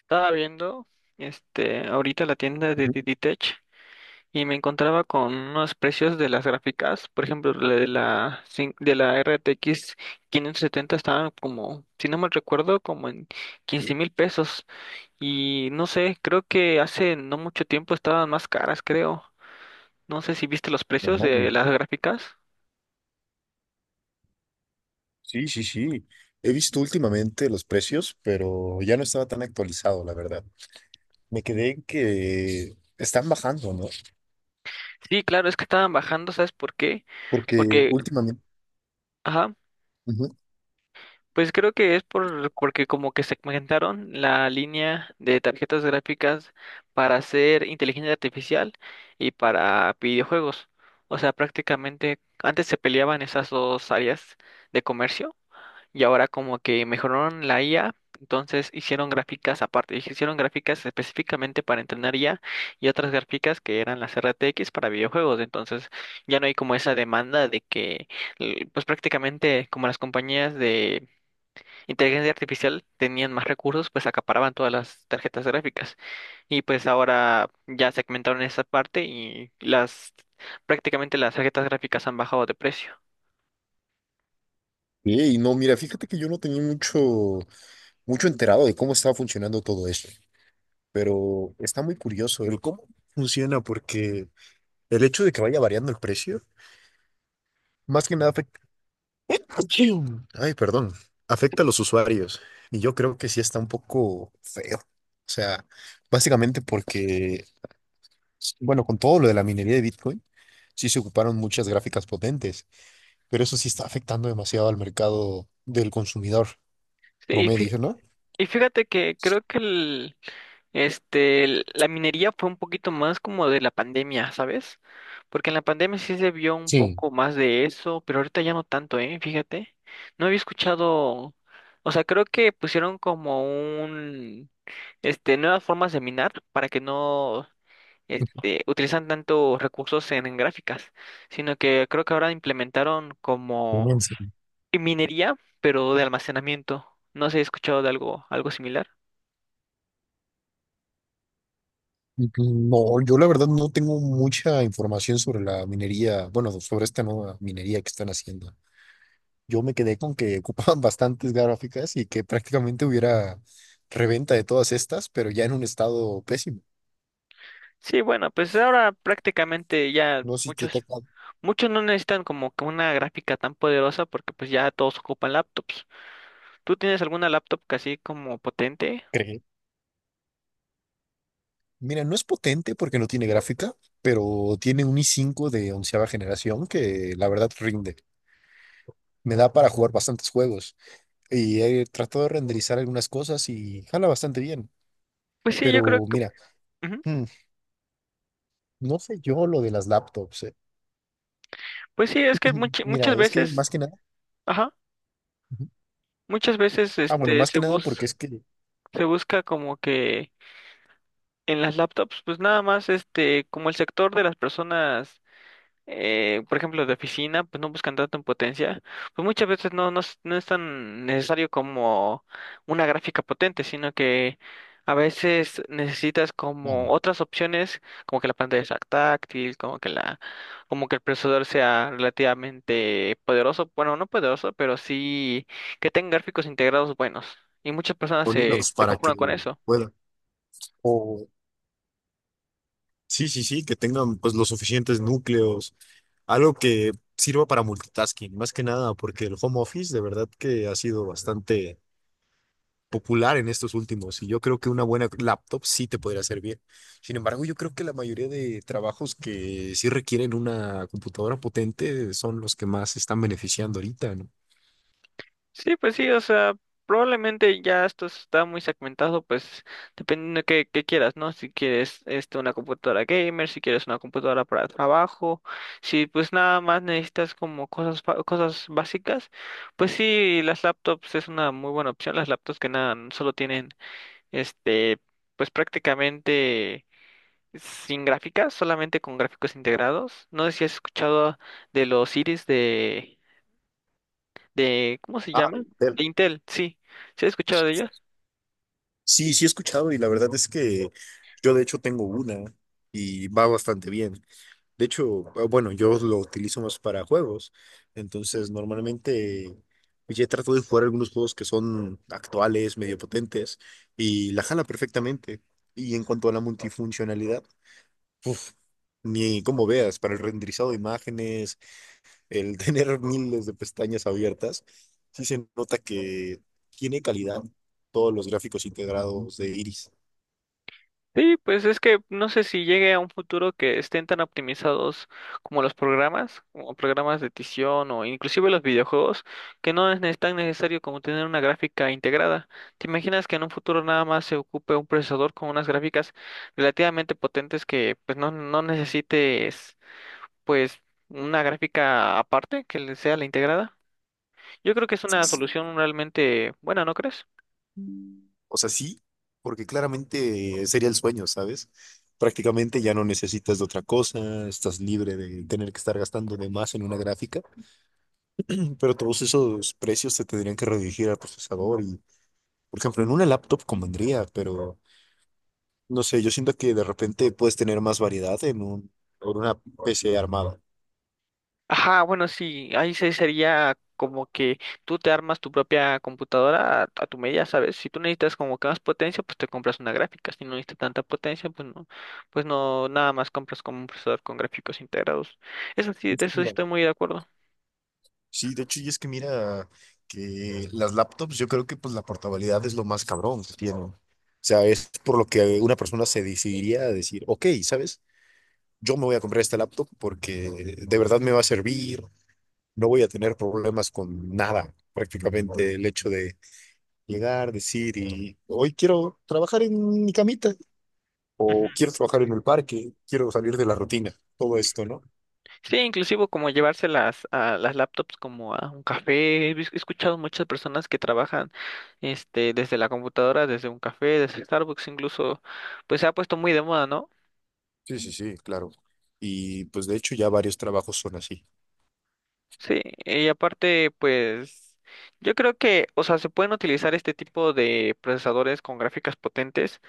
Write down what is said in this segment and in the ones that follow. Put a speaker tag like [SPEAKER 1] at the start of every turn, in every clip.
[SPEAKER 1] Estaba viendo ahorita la tienda de
[SPEAKER 2] Ujú,
[SPEAKER 1] Diditech y me encontraba con unos precios de las gráficas, por ejemplo, la de la cin- de la RTX 570 estaban como, si no mal recuerdo, como en 15 mil pesos y no sé, creo que hace no mucho tiempo estaban más caras, creo. No sé si viste los
[SPEAKER 2] no
[SPEAKER 1] precios de
[SPEAKER 2] mames.
[SPEAKER 1] las gráficas.
[SPEAKER 2] Sí, sí, sí. He visto últimamente los precios, pero ya no estaba tan actualizado, la verdad. Me quedé en que están bajando, ¿no?
[SPEAKER 1] Sí, claro, es que estaban bajando, ¿sabes por qué?
[SPEAKER 2] Porque
[SPEAKER 1] Porque,
[SPEAKER 2] últimamente.
[SPEAKER 1] ajá.
[SPEAKER 2] Ujú.
[SPEAKER 1] Pues creo que es porque como que segmentaron la línea de tarjetas gráficas para hacer inteligencia artificial y para videojuegos. O sea, prácticamente antes se peleaban esas dos áreas de comercio y ahora como que mejoraron la IA, entonces hicieron gráficas aparte, hicieron gráficas específicamente para entrenar IA y otras gráficas que eran las RTX para videojuegos. Entonces ya no hay como esa demanda de que, pues prácticamente como las compañías de inteligencia artificial tenían más recursos, pues acaparaban todas las tarjetas gráficas. Y pues ahora ya segmentaron esa parte y las prácticamente las tarjetas gráficas han bajado de precio.
[SPEAKER 2] Sí, y no, mira, fíjate que yo no tenía mucho enterado de cómo estaba funcionando todo esto, pero está muy curioso el cómo funciona, porque el hecho de que vaya variando el precio, más que nada. Achín. Ay, perdón. Afecta a los usuarios. Y yo creo que sí está un poco feo. O sea, básicamente porque, bueno, con todo lo de la minería de Bitcoin, sí se ocuparon muchas gráficas potentes, pero eso sí está afectando demasiado al mercado del consumidor
[SPEAKER 1] Sí,
[SPEAKER 2] promedio, ¿no?
[SPEAKER 1] y fíjate que creo que la minería fue un poquito más como de la pandemia, ¿sabes? Porque en la pandemia sí se vio un
[SPEAKER 2] Sí,
[SPEAKER 1] poco más de eso, pero ahorita ya no tanto, ¿eh? Fíjate. No había escuchado, o sea, creo que pusieron como nuevas formas de minar para que no utilizan tanto recursos en gráficas, sino que creo que ahora implementaron como
[SPEAKER 2] inmenso.
[SPEAKER 1] minería, pero de almacenamiento. No sé he escuchado de algo, algo similar.
[SPEAKER 2] No, yo la verdad no tengo mucha información sobre la minería, bueno, sobre esta nueva minería que están haciendo. Yo me quedé con que ocupaban bastantes gráficas y que prácticamente hubiera reventa de todas estas, pero ya en un estado pésimo.
[SPEAKER 1] Sí, bueno, pues ahora prácticamente ya
[SPEAKER 2] No sé si te
[SPEAKER 1] muchos,
[SPEAKER 2] toca
[SPEAKER 1] muchos no necesitan como que una gráfica tan poderosa porque pues ya todos ocupan laptops. ¿Tú tienes alguna laptop así como potente?
[SPEAKER 2] creer. Mira, no es potente porque no tiene gráfica, pero tiene un i5 de onceava generación que la verdad rinde. Me da para jugar bastantes juegos y he tratado de renderizar algunas cosas y jala bastante bien.
[SPEAKER 1] Pues sí, yo creo
[SPEAKER 2] Pero
[SPEAKER 1] que,
[SPEAKER 2] mira,
[SPEAKER 1] ujú.
[SPEAKER 2] hmm, no sé yo lo de las laptops.
[SPEAKER 1] Pues sí, es que
[SPEAKER 2] Mira,
[SPEAKER 1] muchas
[SPEAKER 2] es que
[SPEAKER 1] veces,
[SPEAKER 2] más que nada,
[SPEAKER 1] ajá,
[SPEAKER 2] ujú.
[SPEAKER 1] muchas veces
[SPEAKER 2] Ah, bueno, más
[SPEAKER 1] se
[SPEAKER 2] que nada
[SPEAKER 1] busca
[SPEAKER 2] porque es que.
[SPEAKER 1] como que en las laptops, pues nada más, como el sector de las personas, por ejemplo, de oficina, pues no buscan tanto en potencia, pues muchas veces no, no, no es tan necesario como una gráfica potente, sino que a veces necesitas
[SPEAKER 2] Ah,
[SPEAKER 1] como otras opciones, como que la pantalla sea táctil, como que el procesador sea relativamente poderoso, bueno, no poderoso, pero sí que tenga gráficos integrados buenos. Y muchas personas
[SPEAKER 2] con
[SPEAKER 1] se,
[SPEAKER 2] hilos
[SPEAKER 1] se
[SPEAKER 2] para que
[SPEAKER 1] conforman con eso.
[SPEAKER 2] puedan. O sí, sí, sí, que tengan pues los suficientes núcleos, algo que sirva para multitasking, más que nada, porque el home office de verdad que ha sido bastante popular en estos últimos y yo creo que una buena laptop sí te podría servir. Sin embargo, yo creo que la mayoría de trabajos que sí requieren una computadora potente son los que más se están beneficiando ahorita, ¿no?
[SPEAKER 1] Sí, pues sí, o sea, probablemente ya esto está muy segmentado, pues dependiendo de qué quieras, ¿no? Si quieres este, una computadora gamer, si quieres una computadora para trabajo, si pues nada más necesitas como cosas básicas, pues sí, las laptops es una muy buena opción, las laptops que nada, solo tienen, este, pues prácticamente sin gráficas, solamente con gráficos integrados. No sé si has escuchado de los Iris de ¿cómo se
[SPEAKER 2] Ah, de
[SPEAKER 1] llama?
[SPEAKER 2] Intel.
[SPEAKER 1] De Intel, sí. ¿Se ha escuchado de ellos?
[SPEAKER 2] Sí, sí he escuchado y la verdad es que yo de hecho tengo una y va bastante bien. De hecho, ah, bueno, yo lo utilizo más para juegos, entonces normalmente pues, ya trato de jugar algunos juegos que son actuales, medio potentes y la jala perfectamente. Y en cuanto a la multifuncionalidad, uf, ni como veas, para el renderizado de imágenes, el tener miles de pestañas abiertas, sí se nota que tiene calidad todos los gráficos integrados de Iris.
[SPEAKER 1] Sí, pues es que no sé si llegue a un futuro que estén tan optimizados como los programas, como programas de edición o inclusive los videojuegos, que no es tan necesario como tener una gráfica integrada. ¿Te imaginas que en un futuro nada más se ocupe un procesador con unas gráficas relativamente potentes que pues no, no necesites pues una gráfica aparte que le sea la integrada? Yo creo que es una solución realmente buena, ¿no crees?
[SPEAKER 2] O sea, sí, porque claramente sería el sueño, ¿sabes? Prácticamente ya no necesitas de otra cosa, estás libre de tener que estar gastando de más en una gráfica, pero todos esos precios se tendrían que redirigir al procesador y, por ejemplo, en una laptop convendría, pero no sé, yo siento que de repente puedes tener más variedad en una PC armada.
[SPEAKER 1] Ajá, bueno, sí, ahí se sería como que tú te armas tu propia computadora a tu medida, ¿sabes? Si tú necesitas como que más potencia, pues te compras una gráfica. Si no necesitas tanta potencia, pues no, nada más compras como un procesador con gráficos integrados. Eso sí, de eso sí estoy muy de acuerdo.
[SPEAKER 2] Sí, de hecho, y es que mira que las laptops, yo creo que pues la portabilidad es lo más cabrón que tienen. O sea, es por lo que una persona se decidiría a decir, ok, ¿sabes? Yo me voy a comprar esta laptop porque de verdad me va a servir, no voy a tener problemas con nada. Prácticamente el hecho de llegar, decir, y hoy quiero trabajar en mi camita, o quiero trabajar en el parque, quiero salir de la rutina, todo esto, ¿no?
[SPEAKER 1] Sí, inclusive como llevárselas a las laptops como a un café. He escuchado muchas personas que trabajan desde la computadora, desde un café, desde Starbucks incluso, pues se ha puesto muy de moda, ¿no?
[SPEAKER 2] Sí, sí, sí, claro. Y pues de hecho ya varios trabajos son así.
[SPEAKER 1] Sí, y aparte, pues yo creo que, o sea, se pueden utilizar este tipo de procesadores con gráficas potentes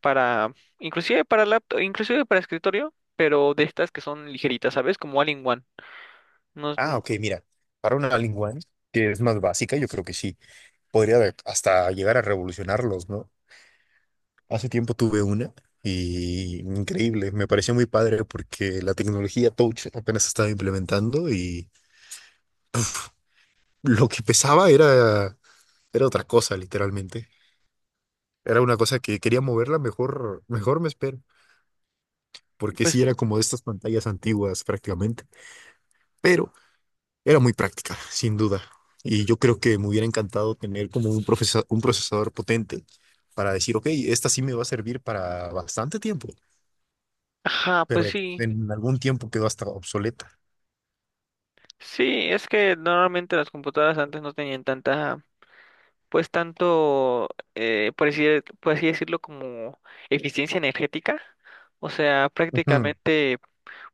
[SPEAKER 1] para, inclusive para laptop, inclusive para escritorio, pero de estas que son ligeritas, ¿sabes? Como All-in-One. No,
[SPEAKER 2] Ah, ok, mira, para una lingua que es más básica, yo creo que sí, hasta llegar a revolucionarlos, ¿no? Hace tiempo tuve una y increíble, me pareció muy padre porque la tecnología Touch apenas se estaba implementando y lo que pesaba era otra cosa, literalmente. Era una cosa que quería moverla, mejor, mejor me espero, porque
[SPEAKER 1] pues,
[SPEAKER 2] sí era como de estas pantallas antiguas prácticamente, pero era muy práctica, sin duda. Y yo creo que me hubiera encantado tener como un un procesador potente para decir, ok, esta sí me va a servir para bastante tiempo,
[SPEAKER 1] ajá, pues
[SPEAKER 2] pero
[SPEAKER 1] sí, sí.
[SPEAKER 2] en algún tiempo quedó hasta obsoleta.
[SPEAKER 1] Sí, es que normalmente las computadoras antes no tenían pues tanto, eh, por decir por así decirlo, como eficiencia energética. O sea,
[SPEAKER 2] Ujú.
[SPEAKER 1] prácticamente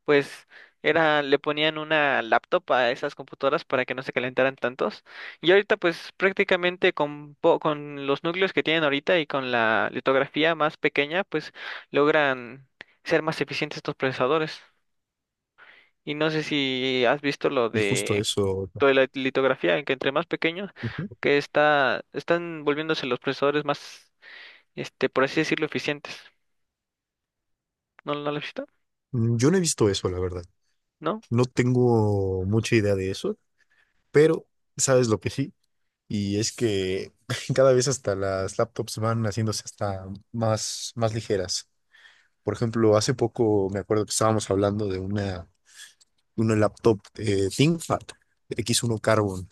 [SPEAKER 1] pues era, le ponían una laptop a esas computadoras para que no se calentaran tantos. Y ahorita pues prácticamente con los núcleos que tienen ahorita y con la litografía más pequeña, pues logran ser más eficientes estos procesadores. Y no sé si has visto lo
[SPEAKER 2] Y justo
[SPEAKER 1] de
[SPEAKER 2] eso.
[SPEAKER 1] toda la litografía, en que entre más pequeños,
[SPEAKER 2] Ujú.
[SPEAKER 1] que está, están volviéndose los procesadores más, por así decirlo, eficientes. ¿No, no lo has visto?
[SPEAKER 2] Yo no he visto eso, la verdad.
[SPEAKER 1] ¿No?
[SPEAKER 2] No tengo mucha idea de eso, pero sabes lo que sí. Y es que cada vez hasta las laptops van haciéndose hasta más ligeras. Por ejemplo, hace poco me acuerdo que estábamos hablando de una laptop ThinkPad X1 Carbon,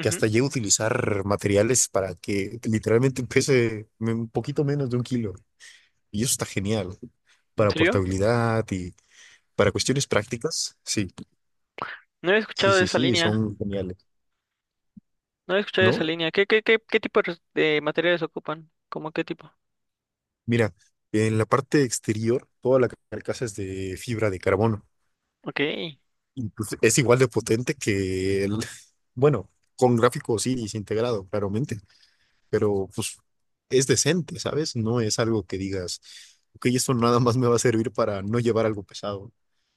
[SPEAKER 2] que hasta llega a utilizar materiales para que literalmente pese un poquito menos de un kilo. Y eso está genial
[SPEAKER 1] ¿En
[SPEAKER 2] para
[SPEAKER 1] serio?
[SPEAKER 2] portabilidad y para cuestiones prácticas. Sí,
[SPEAKER 1] No he
[SPEAKER 2] sí,
[SPEAKER 1] escuchado de
[SPEAKER 2] sí,
[SPEAKER 1] esa
[SPEAKER 2] sí,
[SPEAKER 1] línea.
[SPEAKER 2] son geniales,
[SPEAKER 1] No he escuchado
[SPEAKER 2] ¿no?
[SPEAKER 1] esa línea. ¿Qué, qué, qué, qué tipo de de materiales ocupan? ¿Cómo qué tipo?
[SPEAKER 2] Mira, en la parte exterior, toda la carcasa es de fibra de carbono.
[SPEAKER 1] Ok.
[SPEAKER 2] Y pues es igual de potente que el, bueno, con gráficos sí, integrado, claramente. Pero pues es decente, ¿sabes? No es algo que digas, ok, esto nada más me va a servir para no llevar algo pesado.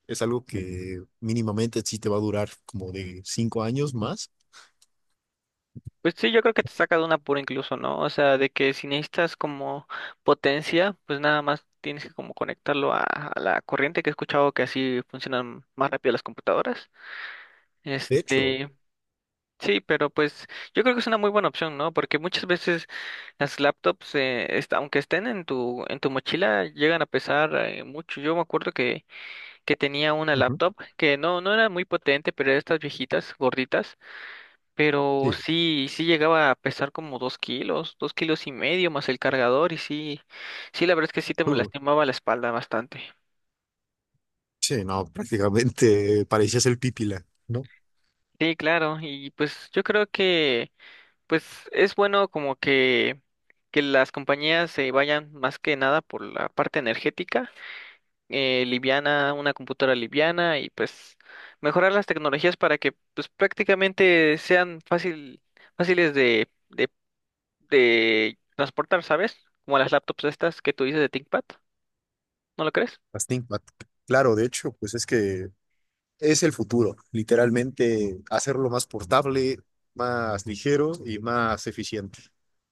[SPEAKER 2] Es algo que mínimamente sí te va a durar como de 5 años más.
[SPEAKER 1] Pues sí, yo creo que te saca de un apuro incluso, ¿no? O sea, de que si necesitas como potencia, pues nada más tienes que como conectarlo a la corriente, que he escuchado que así funcionan más rápido las computadoras.
[SPEAKER 2] De hecho,
[SPEAKER 1] Este, sí, pero pues yo creo que es una muy buena opción, ¿no? Porque muchas veces las laptops, aunque estén en tu mochila, llegan a pesar mucho. Yo me acuerdo que tenía una
[SPEAKER 2] ujú.
[SPEAKER 1] laptop que no, no era muy potente, pero era estas viejitas, gorditas, pero
[SPEAKER 2] Sí,
[SPEAKER 1] sí, sí llegaba a pesar como dos kilos y medio más el cargador y sí, sí, la verdad es que sí te
[SPEAKER 2] Uh,
[SPEAKER 1] lastimaba la espalda bastante.
[SPEAKER 2] sí, no, prácticamente parecías el pípila, ¿no?
[SPEAKER 1] Sí, claro, y pues yo creo que pues es bueno como que las compañías se vayan más que nada por la parte energética liviana, una computadora liviana y pues mejorar las tecnologías para que pues prácticamente sean fáciles de transportar, ¿sabes? Como las laptops estas que tú dices de ThinkPad, ¿no lo crees?
[SPEAKER 2] Las ThinkPad. Claro, de hecho, pues es que es el futuro, literalmente hacerlo más portable, más ligero y más eficiente.